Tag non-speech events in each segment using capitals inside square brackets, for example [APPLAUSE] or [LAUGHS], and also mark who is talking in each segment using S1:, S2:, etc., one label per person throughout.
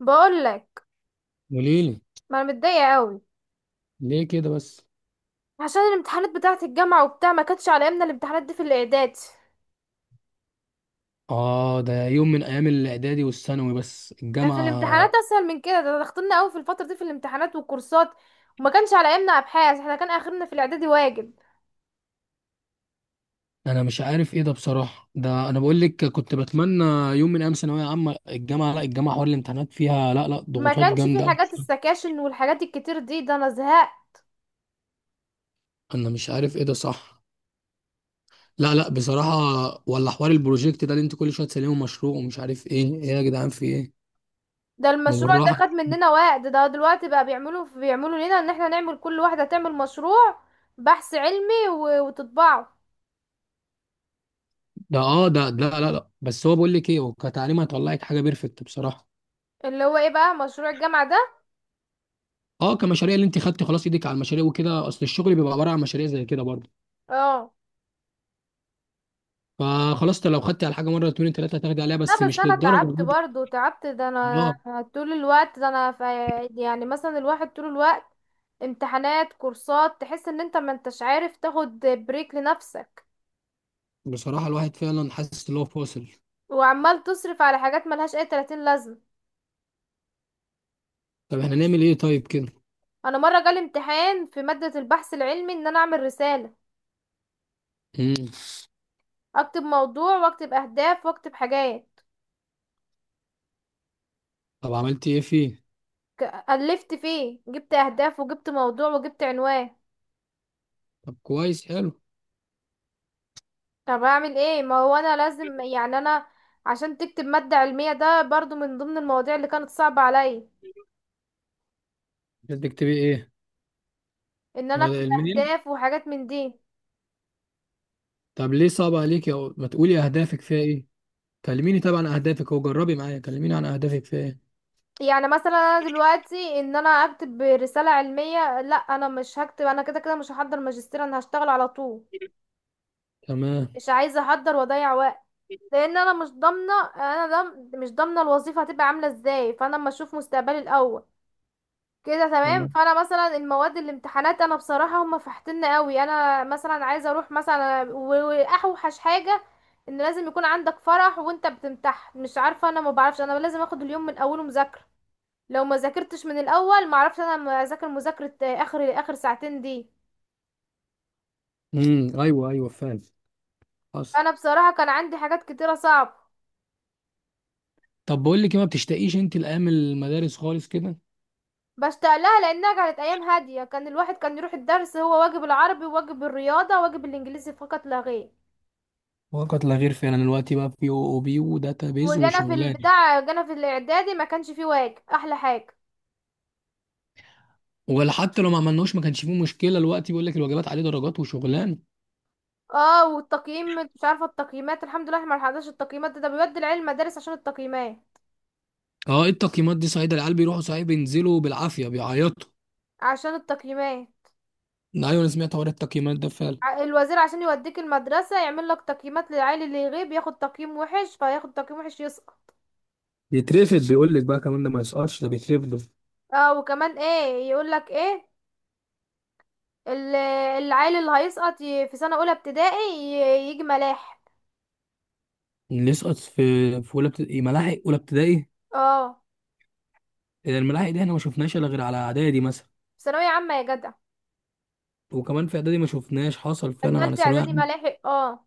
S1: بقول لك،
S2: قوليلي.
S1: ما انا متضايقه قوي
S2: ليه كده بس؟
S1: عشان الامتحانات بتاعه الجامعه وبتاع. ما كانتش على ايامنا الامتحانات دي في الاعداد
S2: اه، ده يوم من ايام الاعدادي والثانوي، بس
S1: كانت الامتحانات
S2: الجامعه
S1: اسهل من كده. ده ضغطنا قوي في الفتره دي في الامتحانات والكورسات، وما كانش على ايامنا ابحاث. احنا كان اخرنا في الاعدادي واجب.
S2: انا مش عارف ايه ده بصراحه. ده انا بقول لك كنت بتمنى يوم من ايام ثانويه عامه. الجامعه، لا الجامعه حوار الامتحانات فيها لا
S1: ما
S2: ضغوطات
S1: كانش في
S2: جامده أوي.
S1: حاجات السكاشن والحاجات الكتير دي. ده انا زهقت.
S2: انا مش عارف ايه ده، صح. لا لا بصراحه، ولا حوار البروجكت ده اللي انت كل شويه تسلمه مشروع ومش عارف ايه ايه. يا جدعان في ايه؟
S1: ده
S2: ما
S1: المشروع
S2: بالراحه.
S1: ده خد مننا وقت. ده دلوقتي بقى بيعملوا لنا ان احنا نعمل، كل واحده تعمل مشروع بحث علمي وتطبعه.
S2: ده اه ده لا بس هو بقول لك ايه، هو كتعليم هيطلعك حاجه بيرفكت بصراحه.
S1: اللي هو ايه بقى مشروع الجامعه ده؟
S2: اه، كمشاريع اللي انت خدتي خلاص ايدك على المشاريع وكده، اصل الشغل بيبقى عباره عن مشاريع زي كده برضه.
S1: اه.
S2: فخلاص، لو خدتي على حاجه مره اتنين تلاته هتاخدي عليها، بس
S1: لا بس
S2: مش
S1: انا
S2: للدرجه
S1: تعبت
S2: دي.
S1: برضو، تعبت. ده انا
S2: اه،
S1: طول الوقت، ده انا في، مثلا الواحد طول الوقت امتحانات، كورسات، تحس ان انت ما انتش عارف تاخد بريك لنفسك،
S2: بصراحه الواحد فعلا حاسس ان هو فاصل.
S1: وعمال تصرف على حاجات ملهاش اي 30 لازمة.
S2: طب احنا نعمل ايه طيب كده؟
S1: انا مرة جالي امتحان في مادة البحث العلمي ان انا اعمل رسالة،
S2: امم
S1: اكتب موضوع واكتب اهداف واكتب حاجات.
S2: طب عملتي ايه فيه؟
S1: الفت فيه، جبت اهداف وجبت موضوع وجبت عنوان.
S2: طب كويس، حلو.
S1: طب اعمل ايه؟ ما هو انا لازم، انا عشان تكتب مادة علمية، ده برضو من ضمن المواضيع اللي كانت صعبة عليا،
S2: بدك تبقي ايه؟
S1: ان انا
S2: هو
S1: اكتب
S2: ده الميل.
S1: اهداف وحاجات من دي.
S2: طب ليه صعب عليك؟ يا ما تقولي اهدافك فيها ايه، كلميني طبعا عن اهدافك. هو جربي معايا، كلميني عن اهدافك فيها ايه.
S1: مثلا انا دلوقتي ان انا اكتب رسالة علمية، لا انا مش هكتب. انا كده كده مش هحضر ماجستير، انا هشتغل على طول.
S2: تمام.
S1: مش عايزة احضر واضيع وقت، لان انا مش ضامنة. انا دم، مش ضامنة الوظيفة هتبقى عاملة ازاي، فانا اما اشوف مستقبلي الاول كده تمام.
S2: تمام.
S1: فانا مثلا المواد، الامتحانات، انا بصراحه هم فحتنا قوي. انا مثلا عايزه اروح مثلا واوحش حاجه ان لازم يكون عندك فرح وانت بتمتحن. مش عارفه، انا ما بعرفش، انا لازم اخد اليوم من اوله مذاكره. لو ما ذاكرتش من الاول ما اعرفش. انا ما اذاكر مذاكره اخر ساعتين دي.
S2: ايوه ايوه فعلا. حصل.
S1: انا بصراحه كان عندي حاجات كتيره صعبه.
S2: طب بقول لك إيه، ما بتشتاقيش انت لايام المدارس خالص كده؟
S1: بشتاق لها لانها كانت ايام هاديه. كان الواحد كان يروح الدرس هو واجب العربي وواجب الرياضه وواجب الانجليزي فقط لا غير.
S2: وقت لا غير، فينا دلوقتي بقى في او او بي وداتا بيز
S1: وجانا في
S2: وشغلانه.
S1: البتاع، جانا في الاعدادي، ما كانش فيه واجب، احلى حاجه.
S2: ولا حتى لو ما عملناهوش ما كانش فيه مشكله، دلوقتي بيقول لك الواجبات عليه درجات وشغلان.
S1: اه، والتقييم مش عارفه، التقييمات الحمد لله احنا ما لحقناش التقييمات ده. ده بيودي العيال المدارس عشان التقييمات،
S2: اه، ايه التقييمات دي صحيح؟ ده العيال بيروحوا صحيح، بينزلوا بالعافيه بيعيطوا.
S1: عشان التقييمات.
S2: ايوه انا سمعت حوار التقييمات ده فعلا.
S1: الوزير عشان يوديك المدرسه يعمل لك تقييمات للعيل، اللي يغيب ياخد تقييم وحش، فياخد تقييم وحش يسقط.
S2: يترفد، بيقول لك بقى كمان ده ما يسقطش، ده بيترفدوا.
S1: اه، وكمان ايه يقول لك ايه، ال- العيل اللي هيسقط في سنه اولى ابتدائي يجي ملاحق.
S2: اللي يسقط في في اولى ابتدائي ملاحق اولى ابتدائي؟
S1: اه،
S2: الملاحق دي احنا ما شفناش الا غير على اعدادي مثلا،
S1: في ثانويه عامه يا جدع.
S2: وكمان في اعدادي ما شفناش، حصل فعلا على
S1: التالتة
S2: ثانويه
S1: اعدادي
S2: عامة.
S1: ملاحق، اه.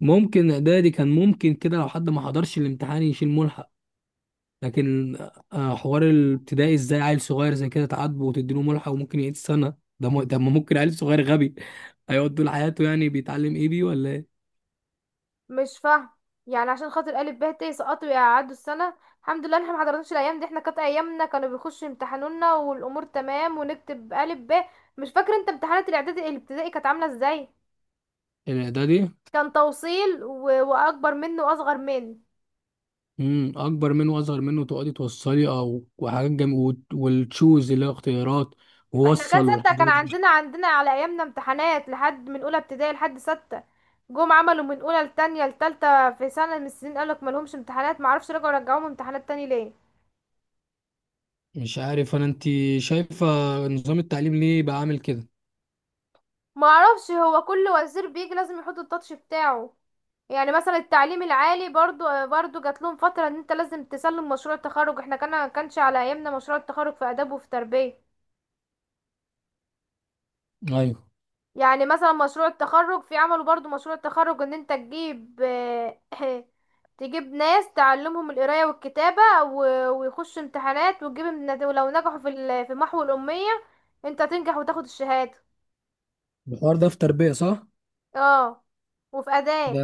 S2: ممكن اعدادي كان ممكن كده، لو حد ما حضرش الامتحان يشيل ملحق. لكن حوار الابتدائي ازاي؟ عيل صغير زي كده تعاتبه وتديله ملحق وممكن يعيد سنة؟ ده ما ممكن، عيل صغير غبي [LAUGHS] هيقعد طول حياته، يعني بيتعلم ايه بيه ولا ايه؟
S1: مش فاهم. عشان خاطر الف ب ت سقطوا يقعدوا السنه؟ الحمد لله احنا ما حضرناش الايام دي. احنا كانت ايامنا كانوا بيخشوا يمتحنونا والامور تمام ونكتب الف ب. مش فاكر انت امتحانات الاعدادي الابتدائي كانت عامله ازاي؟
S2: الاعدادي،
S1: كان توصيل، و... واكبر منه واصغر منه.
S2: اكبر منه واصغر منه، تقعدي توصلي او وحاجات والتشوز اللي هو اختيارات
S1: احنا كان
S2: ووصل
S1: ستة،
S2: والحاجات
S1: كان
S2: دي.
S1: عندنا على ايامنا امتحانات لحد، من اولى ابتدائي لحد ستة. جم عملوا من اولى لتانية لتالتة، في سنه من السنين قالك مالهمش امتحانات، معرفش. رجعوا، رجعوهم امتحانات تاني ليه.
S2: مش عارف انا، انت شايفة نظام التعليم ليه بقى عامل كده؟
S1: ما اعرفش، هو كل وزير بيجي لازم يحط التاتش بتاعه. مثلا التعليم العالي برضو جات لهم فترة ان انت لازم تسلم مشروع التخرج. احنا كان كانش على ايامنا مشروع التخرج في اداب وفي تربية.
S2: ايوه
S1: مثلا مشروع التخرج في، عملوا برضو مشروع التخرج ان انت تجيب [CLEARS THROAT] [LAUGHS] تجيب ناس تعلمهم القراية والكتابة ويخشوا امتحانات وتجيب امتحانات، ولو نجحوا في في محو الأمية انت تنجح وتاخد الشهادة.
S2: الحوار ده في تربية، صح؟
S1: اه، وفي أداة.
S2: ده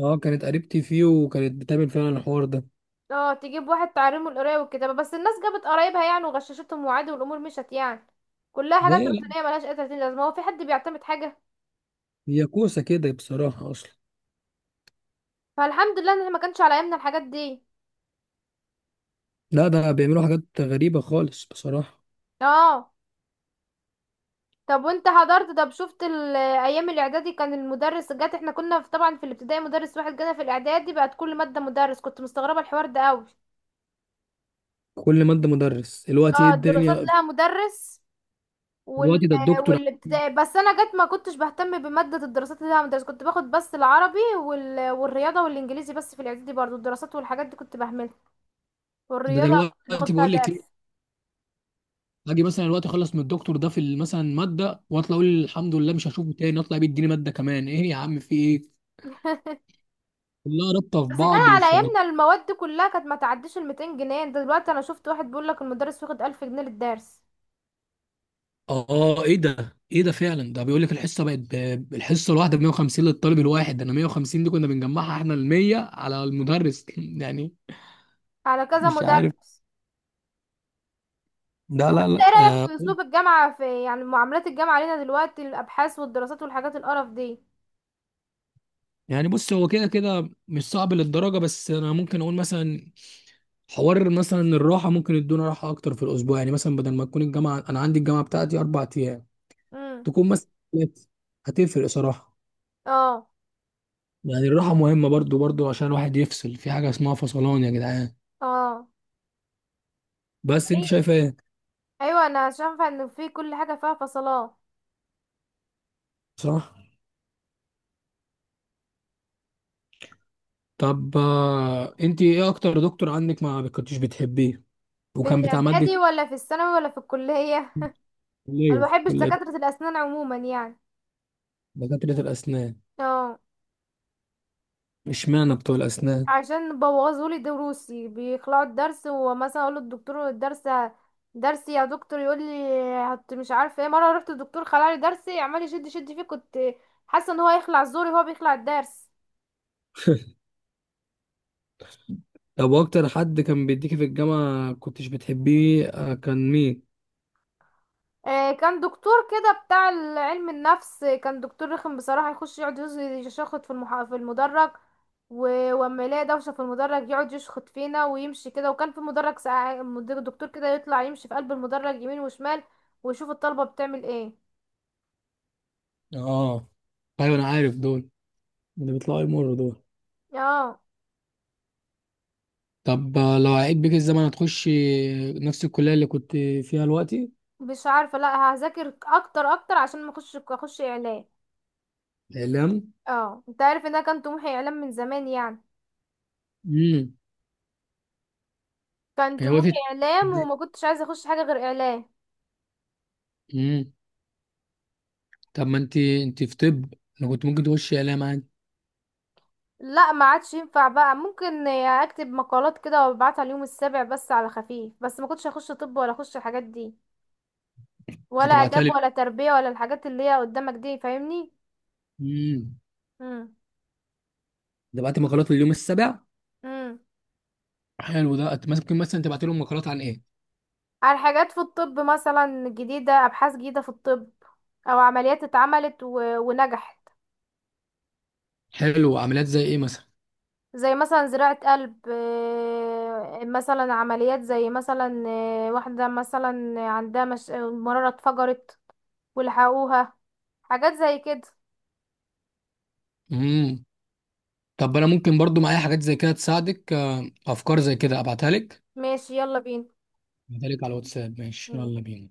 S2: اه، كانت قريبتي فيه وكانت بتعمل فعلا الحوار ده.
S1: اه، تجيب واحد تعلمه القراية والكتابة، بس الناس جابت قرايبها يعني وغششتهم وعادي والأمور مشت يعني. كلها حاجات
S2: هي لا،
S1: روتينية ملهاش أي تلاتين لازمة. هو في حد بيعتمد حاجة؟
S2: هي كوسه كده بصراحه اصلا.
S1: فالحمد لله ان احنا ما كانش على ايامنا الحاجات دي.
S2: لا ده بيعملوا حاجات غريبه خالص بصراحه.
S1: اه. طب وانت حضرت؟ طب شفت ايام الاعدادي كان المدرس جات، احنا كنا في، طبعا في الابتدائي مدرس واحد، جانا في الاعدادي بقت كل مادة مدرس. كنت مستغربة الحوار ده قوي.
S2: كل ماده مدرس؟ الوقت ايه
S1: اه، الدراسات
S2: الدنيا!
S1: لها مدرس، وال...
S2: الوقت ده الدكتور.
S1: والابتدائي بس انا جت ما كنتش بهتم بمادة الدراسات، اللي انا مدرسة كنت باخد بس العربي والرياضة والانجليزي. بس في الاعدادي برضو الدراسات والحاجات دي كنت بهملها،
S2: ده
S1: والرياضة كنت
S2: دلوقتي
S1: باخد فيها
S2: بقول لك ايه،
S1: درس.
S2: اجي مثلا الوقت اخلص من الدكتور ده في مثلا ماده واطلع اقول الحمد لله مش هشوفه تاني، اطلع بيديني ماده كمان، ايه يا عم في ايه؟ كلها رابطه في
S1: بس كان
S2: بعض
S1: على
S2: وشغل.
S1: ايامنا المواد دي كلها كانت ما تعديش ال 200 جنيه. ده دلوقتي انا شفت واحد بيقول لك المدرس واخد 1000 جنيه للدرس،
S2: اه ايه ده، ايه ده فعلا، ده بيقول لك الحصه بقت الحصه الواحده ب 150 للطالب الواحد، ده انا 150 دي كنا بنجمعها احنا ال 100 على المدرس [LAUGHS] يعني.
S1: على كذا
S2: مش عارف.
S1: مدرس.
S2: لا
S1: انت
S2: لا لا
S1: ايه رأيك
S2: آه.
S1: في اسلوب الجامعة في، يعني معاملات الجامعة علينا دلوقتي، الابحاث والدراسات والحاجات القرف دي؟
S2: يعني بص، هو كده كده مش صعب للدرجه، بس انا ممكن اقول مثلا حوار مثلا الراحه، ممكن يدونا راحه اكتر في الاسبوع. يعني مثلا بدل ما تكون الجامعه، انا عندي الجامعه بتاعتي اربع ايام،
S1: امم.
S2: تكون مثلا ثلاثة. هتفرق صراحه.
S1: اه.
S2: يعني الراحه مهمه برضو عشان الواحد يفصل في حاجه اسمها فصلان يا جدعان.
S1: اه.
S2: بس انت
S1: ايوه.
S2: شايفه ايه؟
S1: أيوه، انا شايفه ان في كل حاجه فيها فصلات.
S2: صح. طب انت ايه اكتر دكتور عندك ما كنتش بتحبيه
S1: في
S2: وكان بتاع مادة؟
S1: الاعدادي ولا في الثانوي ولا في الكلية؟ انا
S2: كلية،
S1: ما
S2: في
S1: بحبش
S2: كلية.
S1: دكاترة الاسنان عموما يعني.
S2: دكاترة الأسنان،
S1: اه،
S2: اشمعنى بتوع الأسنان؟
S1: عشان بوظوا لي دروسي، بيخلعوا الدرس. ومثلا اقول للدكتور الدرس، درسي يا دكتور، يقول لي هت، مش عارفه ايه. مره رحت الدكتور خلع لي درسي، عمال يشد فيه، كنت حاسه ان هو هيخلع زوري وهو بيخلع الدرس.
S2: [LAUGHS] طب واكتر حد كان بيديكي في الجامعة كنتش بتحبيه كان مين؟
S1: كان دكتور كده بتاع علم النفس. كان دكتور رخم بصراحة، يخش يقعد يشخط في في المدرج، واما يلاقي دوشة في المدرج يقعد يشخط فينا ويمشي كده. وكان في مدرج ساعة دكتور كده يطلع يمشي في قلب المدرج يمين وشمال ويشوف الطلبة بتعمل ايه.
S2: اه ايوه، انا عارف دول، اللي بيطلعوا يمروا دول.
S1: اه.
S2: طب لو عيد بيك الزمن هتخشي نفس الكلية اللي كنت فيها دلوقتي؟
S1: مش عارفة. لا هذاكر اكتر عشان ما اخش اعلام.
S2: اعلام؟
S1: اه، انت عارف ان انا كان طموحي اعلام من زمان يعني.
S2: امم.
S1: كان
S2: هي
S1: طموحي
S2: وقفت.
S1: اعلام وما كنتش عايزة اخش حاجة غير اعلام.
S2: امم. طب ما انت انت في طب، انا كنت ممكن تخشي اعلام؟
S1: لا، ما عادش ينفع بقى. ممكن اكتب مقالات كده وابعتها اليوم السابع، بس على خفيف، بس ما كنتش هخش طب ولا اخش الحاجات دي، ولا
S2: انت بعتها
S1: اداب
S2: لي.
S1: ولا تربية ولا الحاجات اللي هي قدامك دي، فاهمني.
S2: امم.
S1: امم.
S2: انت بعت مقالات لليوم السابع؟
S1: امم.
S2: حلو ده. ممكن مثلا تبعت لهم مقالات عن ايه؟
S1: على حاجات في الطب مثلا جديدة، ابحاث جديدة في الطب، او عمليات اتعملت و... ونجحت.
S2: حلو، عمليات زي ايه مثلا؟
S1: زي مثلا زراعة قلب. مثلا عمليات زي مثلا، واحدة مثلا عندها مش... مرارة اتفجرت ولحقوها، حاجات زي كده.
S2: امم. طب انا ممكن برضو معايا حاجات زي كده تساعدك، افكار زي كده ابعتها لك.
S1: ماشي يلا بينا.
S2: ابعتها لك على الواتساب، ماشي يلا بينا.